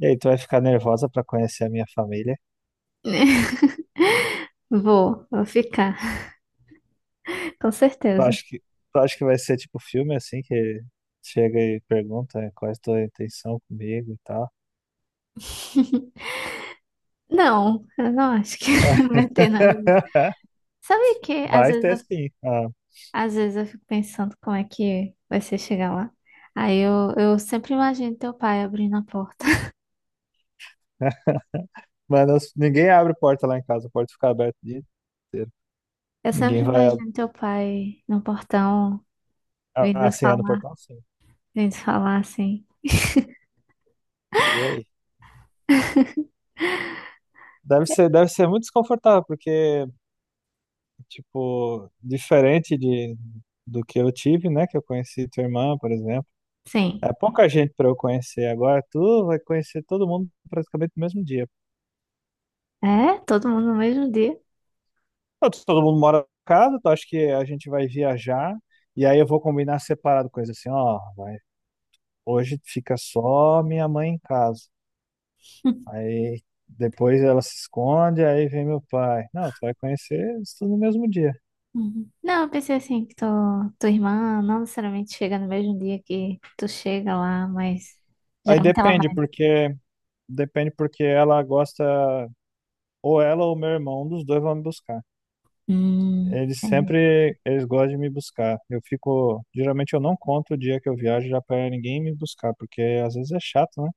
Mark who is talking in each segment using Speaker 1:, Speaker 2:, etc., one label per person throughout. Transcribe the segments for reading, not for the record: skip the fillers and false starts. Speaker 1: E aí, tu vai ficar nervosa pra conhecer a minha família?
Speaker 2: Vou ficar, com
Speaker 1: Tu
Speaker 2: certeza.
Speaker 1: acha que, tu acha que vai ser tipo filme assim, que chega e pergunta né, qual é a tua intenção comigo e tal?
Speaker 2: Não, eu não acho que vai ter nada disso. Sabe que
Speaker 1: Vai ter sim. Ah,
Speaker 2: às vezes eu fico pensando como é que vai ser chegar lá? Aí eu sempre imagino teu pai abrindo a porta.
Speaker 1: mas ninguém abre porta lá em casa, a porta fica aberta o dia inteiro.
Speaker 2: Eu
Speaker 1: Ninguém
Speaker 2: sempre
Speaker 1: vai. ab-
Speaker 2: imagino teu pai no portão
Speaker 1: Ah,
Speaker 2: vindo
Speaker 1: sim, é no
Speaker 2: falar,
Speaker 1: portão sim.
Speaker 2: vindo falar assim.
Speaker 1: E aí? Deve ser muito desconfortável, porque, tipo, diferente do que eu tive, né? Que eu conheci tua irmã, por exemplo.
Speaker 2: Sim,
Speaker 1: É pouca gente para eu conhecer agora. Tu vai conhecer todo mundo praticamente no mesmo dia.
Speaker 2: é? Todo mundo no mesmo dia.
Speaker 1: Todo mundo mora em casa, tu acha que a gente vai viajar e aí eu vou combinar separado coisa assim, ó, vai, hoje fica só minha mãe em casa. Aí depois ela se esconde, aí vem meu pai. Não, tu vai conhecer isso tudo no mesmo dia.
Speaker 2: Uhum. Não, eu pensei assim, tua irmã não necessariamente chega no mesmo dia que tu chega lá, mas
Speaker 1: Aí
Speaker 2: geralmente ela
Speaker 1: depende
Speaker 2: vai.
Speaker 1: porque depende porque ela gosta ou ela ou meu irmão, um dos dois vão me buscar. Eles
Speaker 2: Entendi.
Speaker 1: sempre, eles gostam de me buscar. Geralmente eu não conto o dia que eu viajo já para ninguém me buscar, porque às vezes é chato, né?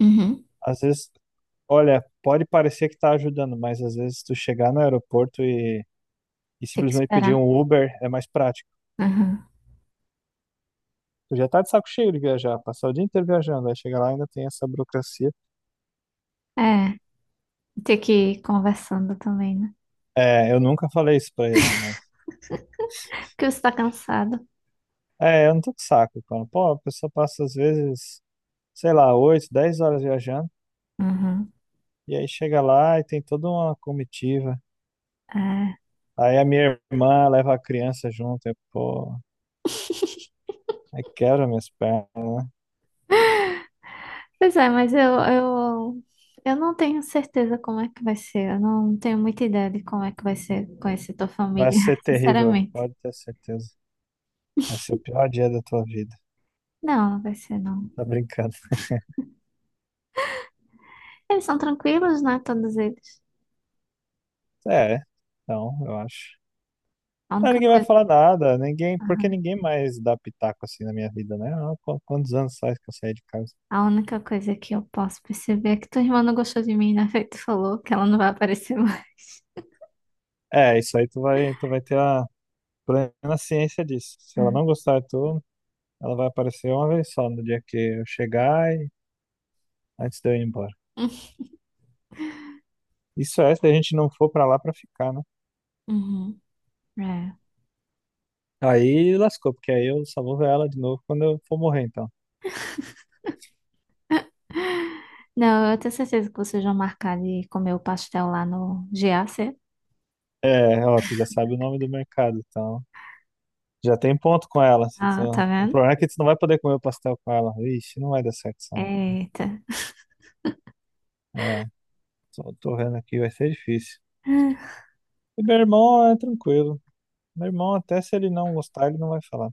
Speaker 2: Uhum.
Speaker 1: Às vezes, olha, pode parecer que tá ajudando, mas às vezes tu chegar no aeroporto e
Speaker 2: Tem que
Speaker 1: simplesmente pedir
Speaker 2: esperar.
Speaker 1: um Uber é mais prático.
Speaker 2: Uhum.
Speaker 1: Tu já tá de saco cheio de viajar, passar o dia inteiro viajando, aí chega lá e ainda tem essa burocracia.
Speaker 2: É, tem que ir conversando também, né?
Speaker 1: É, eu nunca falei isso para eles, mas
Speaker 2: Porque você tá cansado.
Speaker 1: é, eu não tô de saco, cara. Pô, a pessoa passa às vezes, sei lá, 8 10 horas viajando.
Speaker 2: Uhum.
Speaker 1: E aí chega lá e tem toda uma comitiva.
Speaker 2: É.
Speaker 1: Aí a minha irmã leva a criança junto, e, pô, aí quebra minhas pernas, né?
Speaker 2: Pois é, mas eu não tenho certeza como é que vai ser. Eu não tenho muita ideia de como é que vai ser conhecer tua
Speaker 1: Vai
Speaker 2: família,
Speaker 1: ser terrível,
Speaker 2: sinceramente.
Speaker 1: pode ter certeza. Vai ser o pior dia da tua vida.
Speaker 2: Não, não vai ser, não.
Speaker 1: Tá brincando.
Speaker 2: Eles são tranquilos, né? Todos eles.
Speaker 1: É, então, eu acho.
Speaker 2: A
Speaker 1: Ah,
Speaker 2: única
Speaker 1: ninguém vai
Speaker 2: coisa.
Speaker 1: falar nada, ninguém, porque
Speaker 2: Aham.
Speaker 1: ninguém mais dá pitaco assim na minha vida, né? Ah, Quantos anos faz que eu saí de casa?
Speaker 2: A única coisa que eu posso perceber é que tua irmã não gostou de mim, né? Feito falou que ela não vai aparecer mais.
Speaker 1: É, isso aí tu vai ter a plena ciência disso. Se ela não gostar de tu, ela vai aparecer uma vez só no dia que eu chegar e antes de eu ir embora. Isso é se a gente não for pra lá pra ficar, né?
Speaker 2: Uhum. É.
Speaker 1: Aí lascou, porque aí eu só vou ver ela de novo quando eu for morrer, então.
Speaker 2: Não, eu tenho certeza que vocês vão marcar de comer o pastel lá no GAC.
Speaker 1: É, ó, tu já sabe o nome do mercado, então. Já tem ponto com ela. Se
Speaker 2: Ah, tá
Speaker 1: tu- O
Speaker 2: vendo?
Speaker 1: problema é que tu não vai poder comer o pastel com ela. Ixi, não vai dar certo isso, não.
Speaker 2: Eita.
Speaker 1: É, tô vendo aqui, vai ser difícil.
Speaker 2: Ah,
Speaker 1: E meu irmão é tranquilo. Meu irmão, até se ele não gostar, ele não vai falar.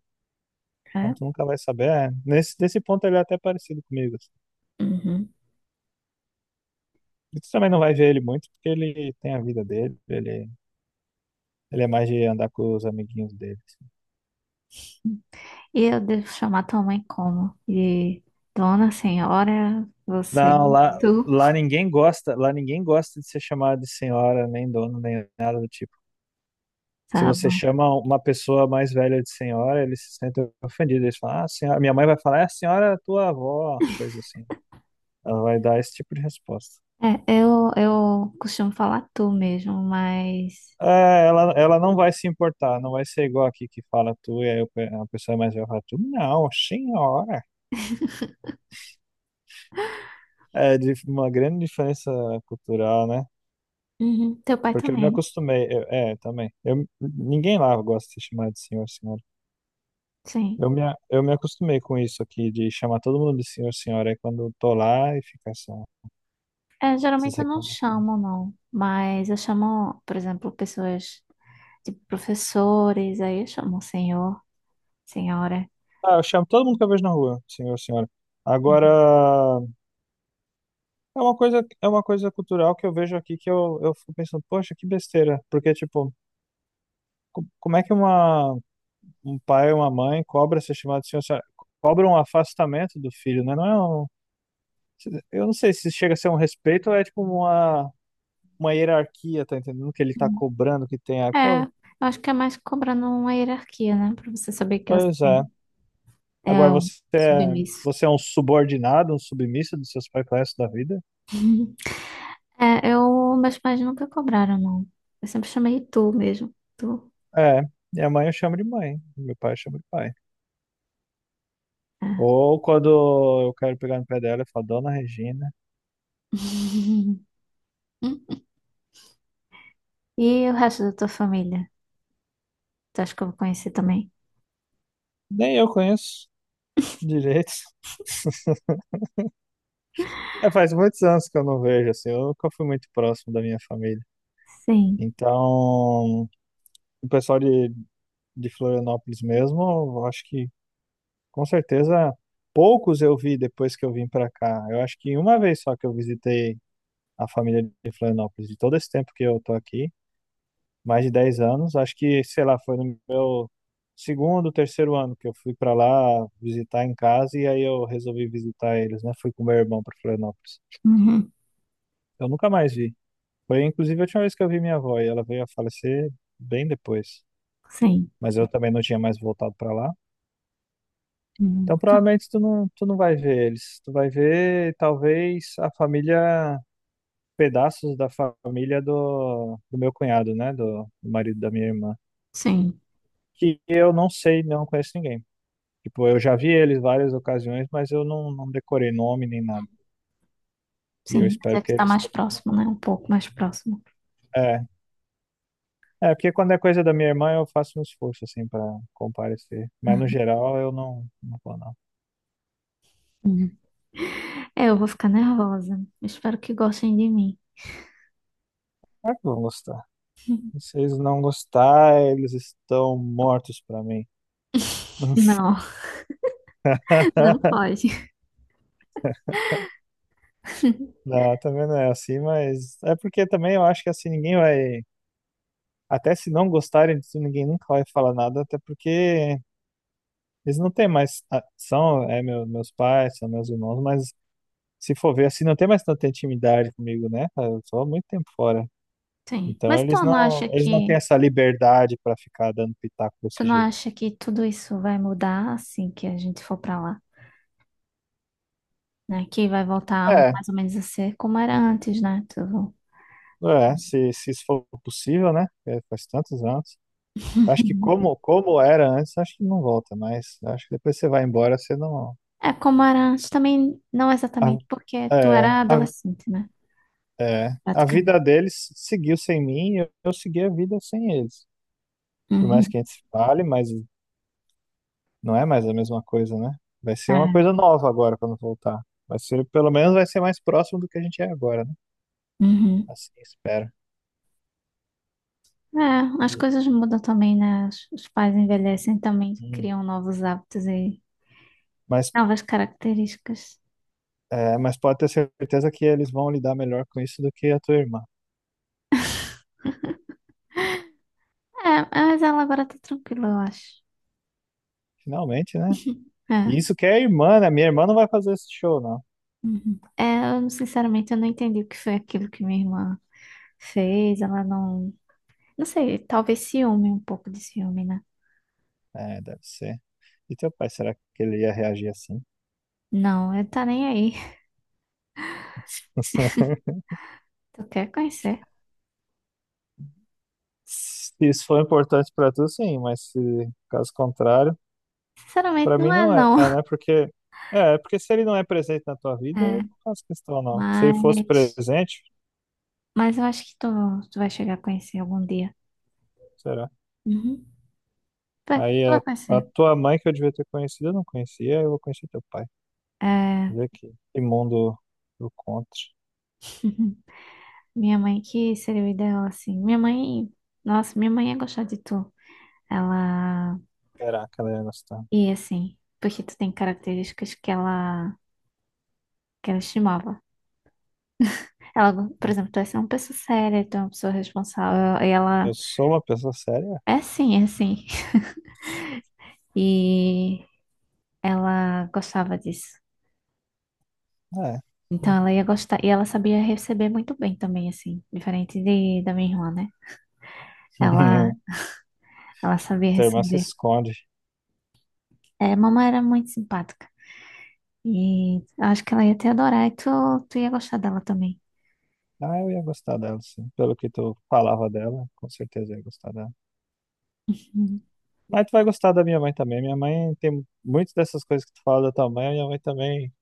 Speaker 1: Então
Speaker 2: É.
Speaker 1: tu nunca vai saber. É, nesse ponto ele é até parecido comigo, assim.
Speaker 2: Uhum.
Speaker 1: E tu também não vai ver ele muito, porque ele tem a vida dele. Ele é mais de andar com os amiguinhos dele.
Speaker 2: E eu devo chamar tua mãe como? De Dona Senhora, você,
Speaker 1: Não,
Speaker 2: tu.
Speaker 1: lá ninguém gosta de ser chamado de senhora, nem dono, nem nada do tipo. Se
Speaker 2: Tá
Speaker 1: você
Speaker 2: bom.
Speaker 1: chama uma pessoa mais velha de senhora, eles se sentem ofendidos. Eles falam, ah, senhora, minha mãe vai falar, é a senhora é tua avó, coisa assim. Ela vai dar esse tipo de resposta.
Speaker 2: Eu costumo falar tu mesmo, mas.
Speaker 1: É, ela não vai se importar, não vai ser igual aqui que fala tu, e aí a pessoa mais velha fala tu, não, senhora. É de uma grande diferença cultural, né?
Speaker 2: Uhum, Teu pai
Speaker 1: Porque eu me
Speaker 2: também,
Speaker 1: acostumei, também. Ninguém lá gosta de ser chamado de senhor, senhora.
Speaker 2: sim.
Speaker 1: Eu me acostumei com isso aqui, de chamar todo mundo de senhor, senhora. Aí quando eu tô lá, e fica essa,
Speaker 2: É,
Speaker 1: essas
Speaker 2: geralmente eu não
Speaker 1: reclamações.
Speaker 2: chamo, não. Mas eu chamo, por exemplo, pessoas, tipo professores, aí eu chamo senhor, senhora.
Speaker 1: Ah, eu chamo todo mundo que eu vejo na rua, senhor, senhora. Agora,
Speaker 2: Uhum.
Speaker 1: é uma coisa cultural que eu vejo aqui que eu fico pensando, poxa, que besteira. Porque, tipo, como é que um pai ou uma mãe cobra ser chamado de senhor, senhora? Cobra um afastamento do filho, né? Não é um, eu não sei se chega a ser um respeito ou é, tipo, uma hierarquia, tá entendendo? Que ele tá
Speaker 2: Uhum.
Speaker 1: cobrando que tem. Ah,
Speaker 2: É,
Speaker 1: pô,
Speaker 2: eu acho que é mais cobrando uma hierarquia, né? Pra você saber que você
Speaker 1: pois é.
Speaker 2: é
Speaker 1: Agora
Speaker 2: é um
Speaker 1: você é,
Speaker 2: submisso.
Speaker 1: você é um subordinado, um submisso dos seus pais pro resto da vida?
Speaker 2: É, eu, meus pais nunca cobraram, não. Eu sempre chamei tu mesmo. Tu.
Speaker 1: É, minha mãe eu chamo de mãe, meu pai eu chamo de pai.
Speaker 2: É.
Speaker 1: Ou quando eu quero pegar no pé dela, eu falo, Dona Regina.
Speaker 2: E o resto da tua família? Tu acha que eu vou conhecer também?
Speaker 1: Nem eu conheço direito. É, faz muitos anos que eu não vejo, assim, eu nunca fui muito próximo da minha família.
Speaker 2: Sim.
Speaker 1: Então, o pessoal de Florianópolis mesmo, eu acho que com certeza poucos eu vi depois que eu vim pra cá. Eu acho que uma vez só que eu visitei a família de Florianópolis. De todo esse tempo que eu tô aqui, mais de 10 anos, acho que, sei lá, foi no meu segundo, terceiro ano que eu fui para lá visitar em casa e aí eu resolvi visitar eles, né? Fui com meu irmão para Florianópolis.
Speaker 2: Uhum.
Speaker 1: Eu nunca mais vi. Foi inclusive a última vez que eu vi minha avó e ela veio a falecer bem depois.
Speaker 2: Sim.
Speaker 1: Mas eu também não tinha mais voltado para lá.
Speaker 2: Uhum.
Speaker 1: Então
Speaker 2: Ah,
Speaker 1: provavelmente tu não vai ver eles. Tu vai ver talvez a família, pedaços da família do meu cunhado, né? Do marido da minha irmã,
Speaker 2: sim.
Speaker 1: que eu não sei, não conheço ninguém. Tipo, eu já vi eles várias ocasiões, mas eu não decorei nome nem nada. E eu
Speaker 2: Sim. Mas
Speaker 1: espero
Speaker 2: é
Speaker 1: que
Speaker 2: que tá
Speaker 1: eles
Speaker 2: mais
Speaker 1: também não.
Speaker 2: próximo, né? Um pouco mais próximo.
Speaker 1: É, é porque quando é coisa da minha irmã, eu faço um esforço, assim, para comparecer. Mas no geral, eu não vou, não.
Speaker 2: Uhum. É, eu vou ficar nervosa. Espero que gostem de mim.
Speaker 1: Claro que vão gostar. Se eles não gostar, eles estão mortos para mim.
Speaker 2: Não, não pode.
Speaker 1: Não, também não é assim, mas é porque também eu acho que assim ninguém vai. Até se não gostarem disso, ninguém nunca vai falar nada, até porque eles não têm mais. Ah, são, é, meus pais, são meus irmãos, mas se for ver assim, não tem mais tanta intimidade comigo, né? cara? Eu sou há muito tempo fora.
Speaker 2: Sim.
Speaker 1: Então
Speaker 2: Mas tu
Speaker 1: eles
Speaker 2: não
Speaker 1: não,
Speaker 2: acha
Speaker 1: eles não têm
Speaker 2: que
Speaker 1: essa liberdade para ficar dando pitaco
Speaker 2: tu
Speaker 1: desse
Speaker 2: não
Speaker 1: jeito.
Speaker 2: acha que tudo isso vai mudar assim que a gente for pra lá, né? Que vai voltar
Speaker 1: É,
Speaker 2: mais ou menos a ser como era antes, né? Tudo.
Speaker 1: é, se isso for possível, né? É, faz tantos anos. Acho que como era antes, acho que não volta, mas acho que depois você vai embora, você não.
Speaker 2: É, como era antes também, não
Speaker 1: a-
Speaker 2: exatamente, porque tu
Speaker 1: é,
Speaker 2: era
Speaker 1: a,
Speaker 2: adolescente, né?
Speaker 1: a vida
Speaker 2: Praticamente.
Speaker 1: deles seguiu sem mim, eu segui a vida sem eles. Por mais
Speaker 2: Uhum.
Speaker 1: que a gente se fale, mas não é mais a mesma coisa, né? Vai ser uma
Speaker 2: É.
Speaker 1: coisa nova agora quando voltar. Vai ser, pelo menos vai ser mais próximo do que a gente é agora, né?
Speaker 2: Uhum.
Speaker 1: Assim, espero.
Speaker 2: É, as
Speaker 1: E-
Speaker 2: coisas mudam também, né? Os pais envelhecem também,
Speaker 1: hum.
Speaker 2: criam novos hábitos e
Speaker 1: Mas,
Speaker 2: novas características.
Speaker 1: mas pode ter certeza que eles vão lidar melhor com isso do que a tua irmã.
Speaker 2: É, mas ela agora tá tranquila, eu acho.
Speaker 1: Finalmente, né? E
Speaker 2: É.
Speaker 1: isso que é irmã, né? Minha irmã não vai fazer esse show, não.
Speaker 2: Uhum. Sinceramente, eu não entendi o que foi aquilo que minha irmã fez. Ela não. Não sei, talvez ciúme, um pouco de ciúme, né?
Speaker 1: É, deve ser. E teu pai, será que ele ia reagir assim?
Speaker 2: Não, ele tá nem aí. Tu quer conhecer?
Speaker 1: Se isso for importante pra tu, sim, mas se caso contrário.
Speaker 2: Sinceramente,
Speaker 1: Pra mim
Speaker 2: não é,
Speaker 1: não é,
Speaker 2: não.
Speaker 1: né? Porque se ele não é presente na tua vida, eu
Speaker 2: É,
Speaker 1: não faço questão, não. Se ele fosse
Speaker 2: mas.
Speaker 1: presente,
Speaker 2: Mas eu acho que tu vai chegar a conhecer algum dia.
Speaker 1: será?
Speaker 2: Uhum. Tu vai
Speaker 1: Aí
Speaker 2: tu
Speaker 1: a,
Speaker 2: vai
Speaker 1: a
Speaker 2: conhecer.
Speaker 1: tua mãe que eu devia ter conhecido, eu não conhecia, eu vou conhecer teu pai.
Speaker 2: É.
Speaker 1: Vê que mundo do contra.
Speaker 2: Minha mãe, que seria o ideal, assim. Minha mãe. Nossa, minha mãe ia gostar de tu. Ela.
Speaker 1: Será que ela ia gostar?
Speaker 2: E assim. Porque tu tem características que ela estimava. Ela, por exemplo, tu é uma pessoa séria, tu é uma pessoa responsável, e
Speaker 1: Eu
Speaker 2: ela
Speaker 1: sou uma pessoa séria?
Speaker 2: é assim. E ela gostava disso.
Speaker 1: Ah, é.
Speaker 2: Então
Speaker 1: Hum.
Speaker 2: ela ia gostar, e ela sabia receber muito bem também, assim, diferente de, da minha irmã, né? Ela, ela sabia
Speaker 1: Tua irmã se
Speaker 2: receber.
Speaker 1: esconde.
Speaker 2: É, mamãe era muito simpática. E eu acho que ela ia te adorar e tu ia gostar dela também.
Speaker 1: Ah, eu ia gostar dela, sim. Pelo que tu falava dela, com certeza eu ia gostar dela.
Speaker 2: Uhum.
Speaker 1: Mas tu vai gostar da minha mãe também. Minha mãe tem muitas dessas coisas que tu fala da tua mãe, minha mãe também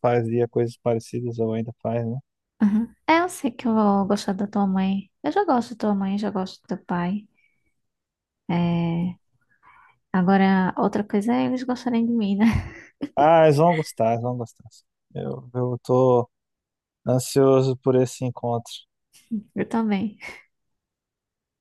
Speaker 1: fazia coisas parecidas ou ainda faz, né?
Speaker 2: Uhum. É, eu sei que eu vou gostar da tua mãe. Eu já gosto da tua mãe, já gosto do teu pai. É, agora, outra coisa é eles gostarem de mim, né?
Speaker 1: Ah, eles vão gostar, eles vão gostar. Eu tô ansioso por esse encontro.
Speaker 2: Eu também.